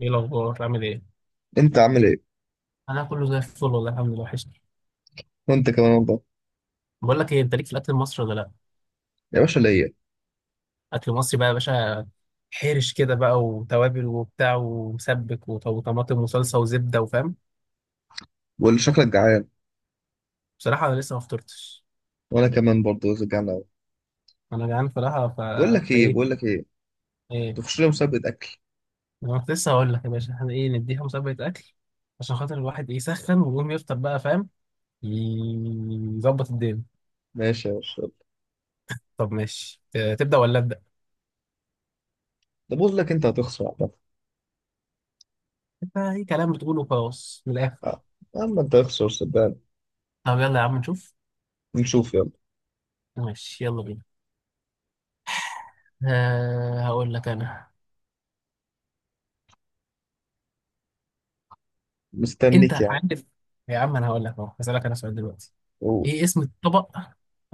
ايه الاخبار؟ عامل ايه؟ انت عامل ايه؟ انا كله زي الفل والله، الحمد لله، وحشني. وانت كمان والله. بقول لك ايه، انت ليك في الاكل المصري ولا لا؟ يا باشا ليا. اكل مصري بقى يا باشا، حرش كده بقى وتوابل وبتاع ومسبك وطماطم وصلصه وزبده وفاهم. واللي شكلك جعان. بصراحه انا لسه ما فطرتش. وانا كمان برضه جعان قوي. انا جعان بصراحه بقول لك ايه بقول فايه؟ لك ايه ايه؟ تخش لي مسابقه اكل. انا كنت لسه هقول لك يا باشا، احنا ايه نديها مسابقه اكل، عشان خاطر الواحد ايه يسخن ويقوم يفطر بقى فاهم. يظبط الدنيا. ماشي يا باشا يلا. طب ماشي، تبدا ولا ابدا؟ ده بقول لك انت هتخسر عامه. انت اي كلام بتقوله خلاص من الاخر. آه. يا عم انت هتخسر صدقني. طب يلا يا عم نشوف. نشوف يلا. ماشي يلا بينا. آه، هقول لك انا. مستنيك انت يا عم. عارف. يا عم انا هقول لك اهو، هسألك انا سؤال دلوقتي. قول. ايه اسم الطبق؟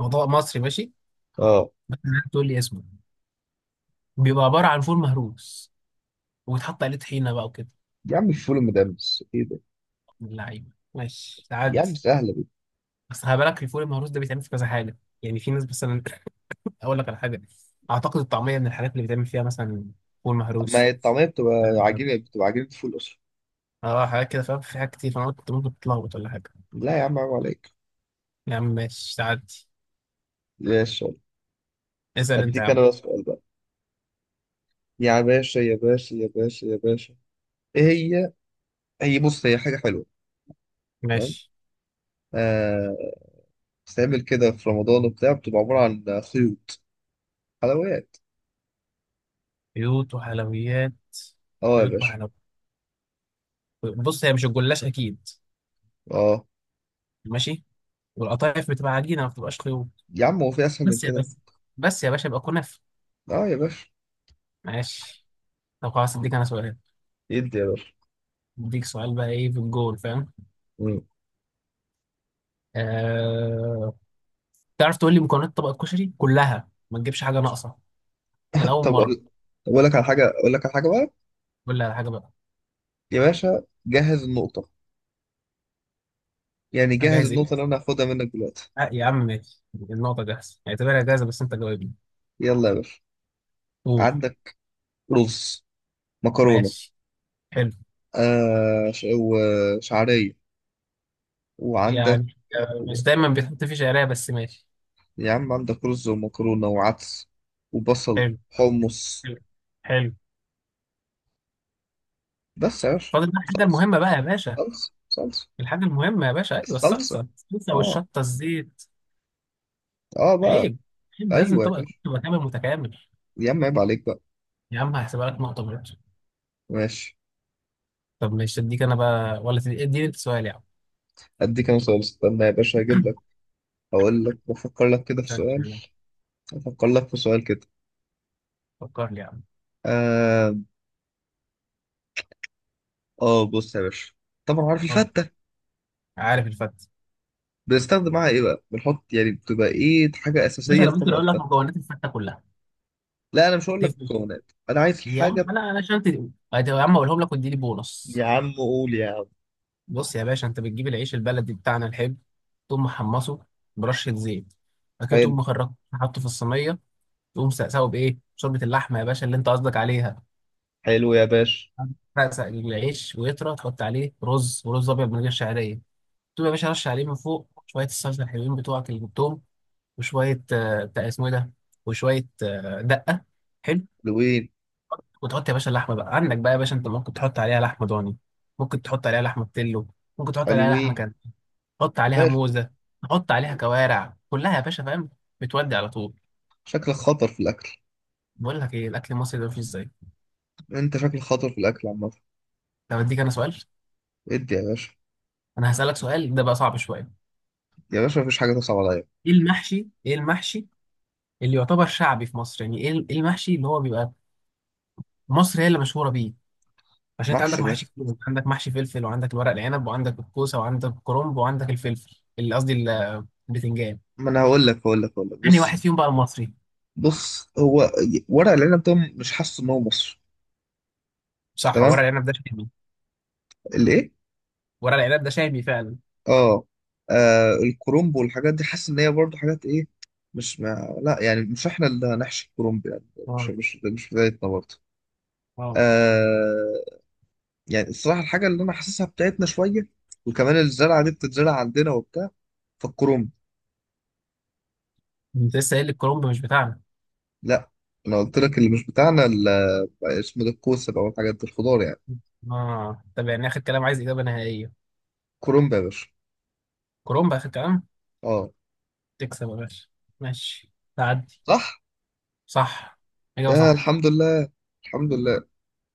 هو طبق مصري ماشي. اه، تقول لي اسمه. بيبقى عبارة عن فول مهروس، وبيتحط عليه طحينة بقى وكده. يا عم الفول المدمس ايه ده. من اللعيبة ماشي، يا عم تعدي. سهله دي. بس خلي بالك، الفول المهروس ده بيتعمل في كذا حاجة، يعني في ناس مثلا. اقول لك على حاجة، اعتقد الطعمية من الحاجات اللي بيتعمل فيها مثلا فول طب ما مهروس. هي الطعميه بتبقى اه. عجينه، بتبقى عجينه فول اصلا. آه، حاجات كده فاهم، في حاجات كتير، فانا قلت ممكن تتلخبط ولا حاجة. لا يا عم عيب عليك. يا عم ماشي، تعدي. ماشي يلا. اسأل انت يا هديك انا عم. بقى سؤال بقى. يا باشا يا باشا يا باشا يا باشا، ايه هي؟ هي بص، هي حاجه حلوه. ماشي. آه. بتتعمل كده في رمضان وبتاع، بتبقى عبارة عن خيوط. حلويات. بيوت وحلويات؟ اه يا بيوت باشا. وحلويات. بص هي مش الجلاش اكيد. اه ماشي. والقطايف بتبقى عجينه، ما بتبقاش خيوط. يا عم، هو في اسهل من بس يا كده؟ باشا، بس يا باشا، يبقى كنافه. اه يا باشا. ماشي. طب خلاص، اديك انا سؤال. يدي يا باشا. اديك سؤال بقى ايه في الجول فاهم. مم. آه... تعرف تقول لي مكونات طبق الكشري كلها ما تجيبش حاجه ناقصه من اول طب اقول. مره؟ طب أقول لك على حاجة اقول لك على حاجة بقى. قول لي على حاجه بقى. يا باشا جهز النقطة، يعني جهز جاهز ايه؟ النقطة اللي انا هاخدها منك دلوقتي. آه يا عم ماشي، النقطه جاهزه، اعتبرها جاهزه، بس انت جاوبني. يلا يا باشا. قول. عندك رز، مكرونة، ماشي. حلو. وشعرية، وعندك. يعني آه، مش دايما بيتحط فيه شعريه، بس ماشي. يا عم عندك رز ومكرونة وعدس وبصل، حلو. حمص. حلو. حلو. بس يا باشا، فاضل بقى الحاجة صلصة المهمة بقى يا باشا. صلصة الحاجة المهمة يا باشا، أيوة، الصلصة، الصلصة. الصلصة اه. والشطة الزيت. اه بقى. عيب. عيب، ده لازم ايوه يا طبق يكون باشا. تبقى كامل متكامل. يا عم عيب عليك بقى. يا عم هحسبها لك نقطة برضه. ماشي. طب ماشي، أديك أنا بقى ولا اديني أنت سؤال يا عم؟ اديك انا سؤال، استنى يا باشا هجيب لك. هقول لك بفكر لك كده في طب سؤال. ماشي. افكر لك في سؤال كده. فكر لي يا عم. آه، اه بص يا باشا، طبعا عارف قول لي. الفتة؟ عارف الفتة. بنستخدم معاها ايه بقى، بنحط يعني بتبقى ايه حاجة باشا اساسية أنا في ممكن طبق أقول لك الفتة؟ مكونات الفتة كلها. لا انا مش هقول لك تفرق. مكونات، انا عايز يا عم حاجة. أنا عشان تقول. يا عم أقولهم لك واديني يا بونص. عم قول يا عم. بص يا باشا، أنت بتجيب العيش البلدي بتاعنا الحلو، تقوم محمصه برشة زيت، بعد كده تقوم حلو. مخرجه حاطه في الصينية، تقوم ساقسه بايه شوربه اللحمه يا باشا اللي انت قصدك عليها. حلو يا باشا. تسقسق العيش ويطرى، تحط عليه رز، ورز ابيض من غير شعريه. تقوم يا باشا رش عليه من فوق شويه الصلصه الحلوين بتوعك اللي جبتهم، وشويه آه، بتاع اسمه ايه ده، وشويه آه، دقه. حلو. حلوين. وتحط يا باشا اللحمه بقى عندك بقى يا باشا، انت ممكن تحط عليها لحمه ضاني، ممكن تحط عليها لحمه بتلو، ممكن تحط عليها لحمه حلوين. كان، تحط عليها ماشي. موزه، تحط عليها كوارع كلها يا باشا فاهم، بتودي على طول. شكلك خطر في الاكل. بقول لك ايه، الاكل المصري ده مفيش زيه. انت شكلك خطر في الاكل عامة. طب اديك انا سؤال. ادي يا باشا. انا هسألك سؤال ده بقى صعب شويه. يا باشا مفيش حاجة تصعب عليا. ايه المحشي؟ ايه المحشي اللي يعتبر شعبي في مصر، يعني ايه إيه المحشي اللي هو بيبقى مصر هي اللي مشهوره بيه؟ عشان انت عندك محسن يا أخي. محاشي كتير، انت عندك محشي فلفل، وعندك الورق العنب، وعندك الكوسه، وعندك الكرنب، وعندك الفلفل اللي قصدي البتنجان. ما أنا هقول لك انهي بص. واحد فيهم بقى المصري؟ بص هو ورق العنب ده، مش حاسس إن هو مصر. صح، تمام. ورق العنب ده شامي. الإيه؟ ورق العنب ده شامي فعلا. آه. آه، الكرومب والحاجات دي حاسس إن هي برضه حاجات إيه، مش ما لا يعني مش إحنا اللي هنحشي الكرومب، يعني مش اه. مش مش بتاعتنا برضه. اه. آه. يعني الصراحة الحاجة اللي أنا حاسسها بتاعتنا شوية، وكمان الزرعة دي بتتزرع عندنا وبتاع، فالكرومب. انت لسه قايل لي الكرنب مش بتاعنا. لا. أنا قلت لك اللي مش بتاعنا اسمه ده الكوسة بقى والحاجات دي الخضار يعني. اه، طب يعني اخر كلام، عايز اجابه نهائيه. كولومب يا باشا. كرنب اخر كلام. اه. تكسب يا باشا. ماشي. تعدي. صح. صح. اجابه يا صح. الحمد لله. الحمد لله.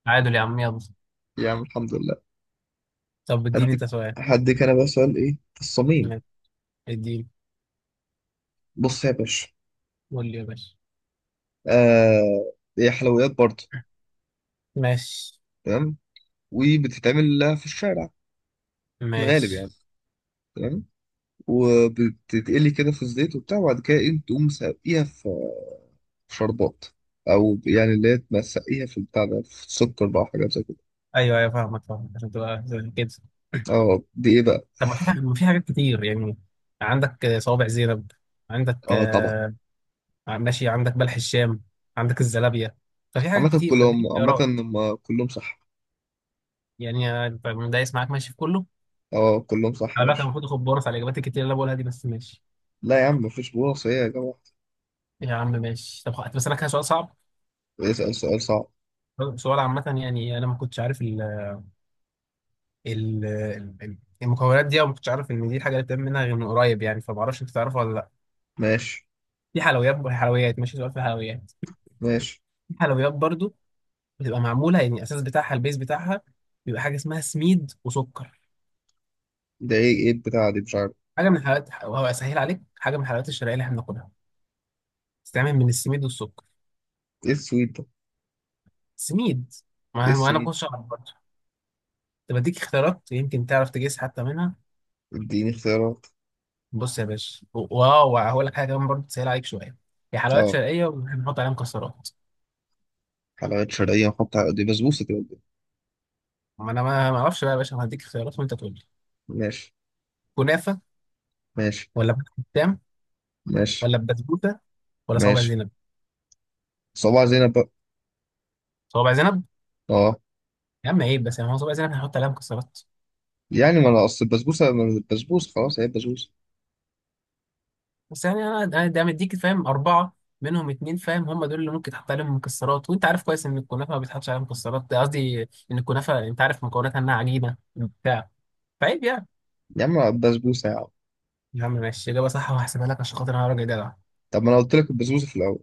تعادل يا عم، يلا. يا عم الحمد لله. طب اديني هديك، انت سؤال. هديك انا بقى سؤال ايه في الصميم. ماشي. اديني. بص يا باشا. قول لي يا باشا. آه، هي حلويات برضه. ماشي. تمام. وبتتعمل لها في الشارع، في الغالب يعني. ماشي. تمام. وبتتقلي كده في الزيت وبتاع، وبعد كده تقوم ساقيها في، في شربات. او يعني اللي هي تسقيها في البتاع ده، في السكر بقى وحاجات زي كده. ايوه ايوه، فاهمك فاهمك، عشان تبقى زي كده. اه دي ايه بقى؟ طب ما في ما في حاجات كتير يعني. عندك آه، صوابع زينب. عندك اه طبعا. آه، ماشي، عندك بلح الشام، عندك الزلابية، ففي حاجات عامة كتير، فاديني كلهم، عامة اختيارات. هم كلهم صح. يعني آه، أنت دايس معاك ماشي في كله. اه كلهم صح يا على فكره باشا. المفروض اخد بونص على الاجابات الكتير اللي انا بقولها دي، بس ماشي. لا يا عم مفيش بونص، ايه يا جماعة. يا عم ماشي، طب بس انا كده سؤال صعب. اسأل سؤال صعب. سؤال عامة يعني انا ما كنتش عارف. ال- المكونات دي أنا ما كنتش عارف إن دي الحاجة اللي بتتعمل منها غير من قريب يعني، فما أعرفش أنت تعرفها ولا لأ. ماشي. في حلويات وحلويات، ماشي سؤال في الحلويات. ماشي. في حلويات برضو، بتبقى معمولة يعني الأساس بتاعها، البيز بتاعها بيبقى حاجة اسمها سميد وسكر. ده ايه، ايه البتاعة دي، مش عارف. حاجة من الحلويات، وهو أسهل عليك حاجة من الحلويات الشرقية اللي إحنا بناكلها، بتتعمل من السميد والسكر. ايه السويت ده؟ سميد. ايه ما ما أنا ما السويت؟ كنتش أعرف برضه. طب أديك اختيارات يمكن تعرف تجيس حتى منها. اديني اختيارات. بص يا باشا، واو هقول لك حاجة كمان برضه تسهل عليك شوية، هي حلويات اه. شرقية وبنحط عليها مكسرات. حلويات شرقية نحط دي بسبوسة كده قدام. ما انا ما ما اعرفش بقى يا باشا، أنا هديك خيارات وانت تقول لي. ماشي. كنافه، ماشي. ولا بلح الشام، ماشي. ولا بسبوسه، ولا صوابع ماشي، زينب؟ صباع زينب بقى. صوابع زينب. اه. يا عم عيب. بس يعني هو صوابع زينب هنحط عليها مكسرات؟ يعني ما انا اصل البسبوسة ما أنا البسبوسة خلاص، هي البسبوسة. بس يعني انا ده مديك فاهم اربعه، منهم اتنين فاهم هم دول اللي ممكن تحط عليهم مكسرات، وانت عارف كويس ان الكنافه ما بيتحطش عليها مكسرات، ده قصدي ان الكنافه انت عارف مكوناتها انها عجينه بتاع، فعيب يعني. يا عم البسبوسة يا عم. يا عم ماشي، اجابه صح وهحسبها لك عشان خاطر انا راجل جدع. طب ما انا قلت لك البسبوسة في الاول.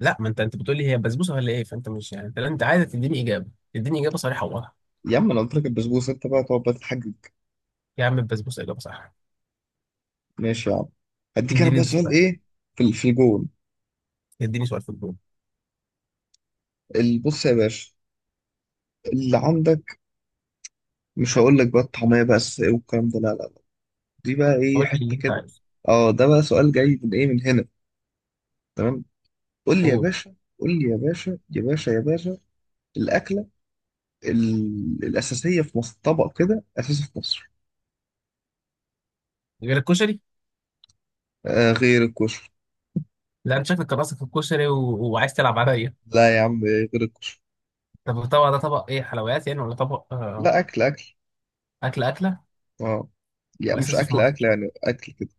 لا، ما انت بتقول لي هي بسبوسه ولا ايه؟ فانت مش يعني، انت عايز تديني اجابه صريحه وواضحه. يا عم انا قلت لك البسبوسة، انت بقى تقعد بقى تتحجج. يا عم البسبوسه اجابه صح. ماشي يا عم. هديك انا اديني بقى انت سؤال سؤال. ايه في الجون. اديني سؤال في الجون. بص يا باشا، اللي عندك، مش هقول لك بقى الطعمية بقى الساقية والكلام ده، لا لا لا، دي بقى ايه قول لي اللي حتة انت كده. عايزه. اه ده بقى سؤال جاي من ايه، من هنا. تمام. قول لي يا قول. باشا، قول لي يا باشا يا باشا يا باشا. الأكلة الأساسية في مصر، طبق كده أساسي في مصر. غير الكشري. آه غير الكشري. لا انت شكلك راسك في الكشري وعايز تلعب عليا. لا يا عم، إيه غير الكشري. طب الطبق ده طبق ايه، حلويات يعني ولا طبق لا، أكل أكل. اكل، اكله اه يعني مش واساسي في أكل أكل مصر؟ يعني، أكل كده.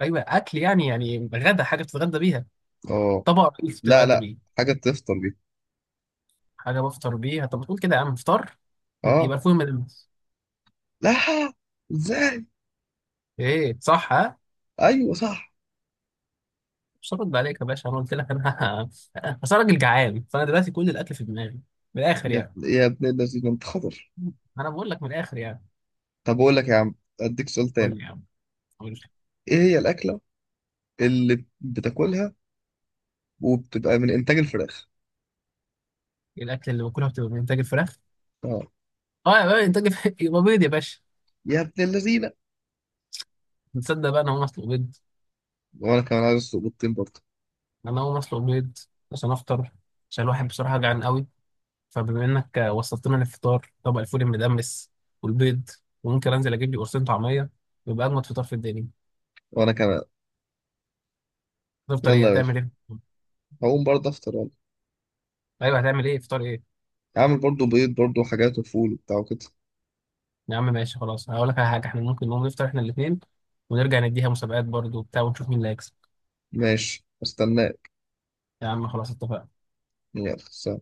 ايوه اكل يعني، غدا، حاجه بتتغدى بيها، اه. طبق رئيسي لا بتتغدى لا، بيه. حاجة تفطر بيها. حاجه بفطر بيها، طب بتقول كده يا عم؟ فطار. يبقى اه. يبقى فول مدلس. لا. ازاي؟ ايه صح ها؟ ايوه صح. مش هرد عليك يا باشا، انا قلت لك انا. بس انا راجل جعان، فانا دلوقتي كل الاكل في دماغي، من الاخر يا يعني. ابن الذين انت خضر. انا بقول لك من الاخر يعني. طب أقول لك يا عم، أديك سؤال قول تاني. لي يا عم. قول. إيه هي الأكلة اللي بتاكلها وبتبقى من إنتاج الفراخ؟ الاكل اللي باكلها بتبقى من انتاج الفراخ. أه. اه يا باشا، انتاج الفراخ، يبقى بيض يا باشا. يا ابن اللذينة. تصدق بقى انا هقوم اطلب بيض. وأنا كمان عايز أسلق بيضتين برضه. انا هقوم اطلب بيض عشان افطر، عشان الواحد بصراحه جعان قوي. فبما انك وصلتنا للفطار، طبق الفول المدمس والبيض، وممكن انزل اجيب لي قرصين طعميه، يبقى اجمد فطار في الدنيا. وأنا كمان. تفطر يلا ايه، يا باشا، هتعمل ايه؟ هقوم برضه أفطر يلا. ايوه هتعمل ايه، فطار ايه؟ عامل برضه بيض برضه وحاجات وفول وبتاع وكده. يا عم ماشي خلاص، هقول لك على حاجه، احنا ممكن نقوم نفطر احنا الاثنين، ونرجع نديها مسابقات برضو وبتاع، ونشوف مين اللي هيكسب. ماشي استناك. يا عم خلاص اتفقنا. يلا سلام.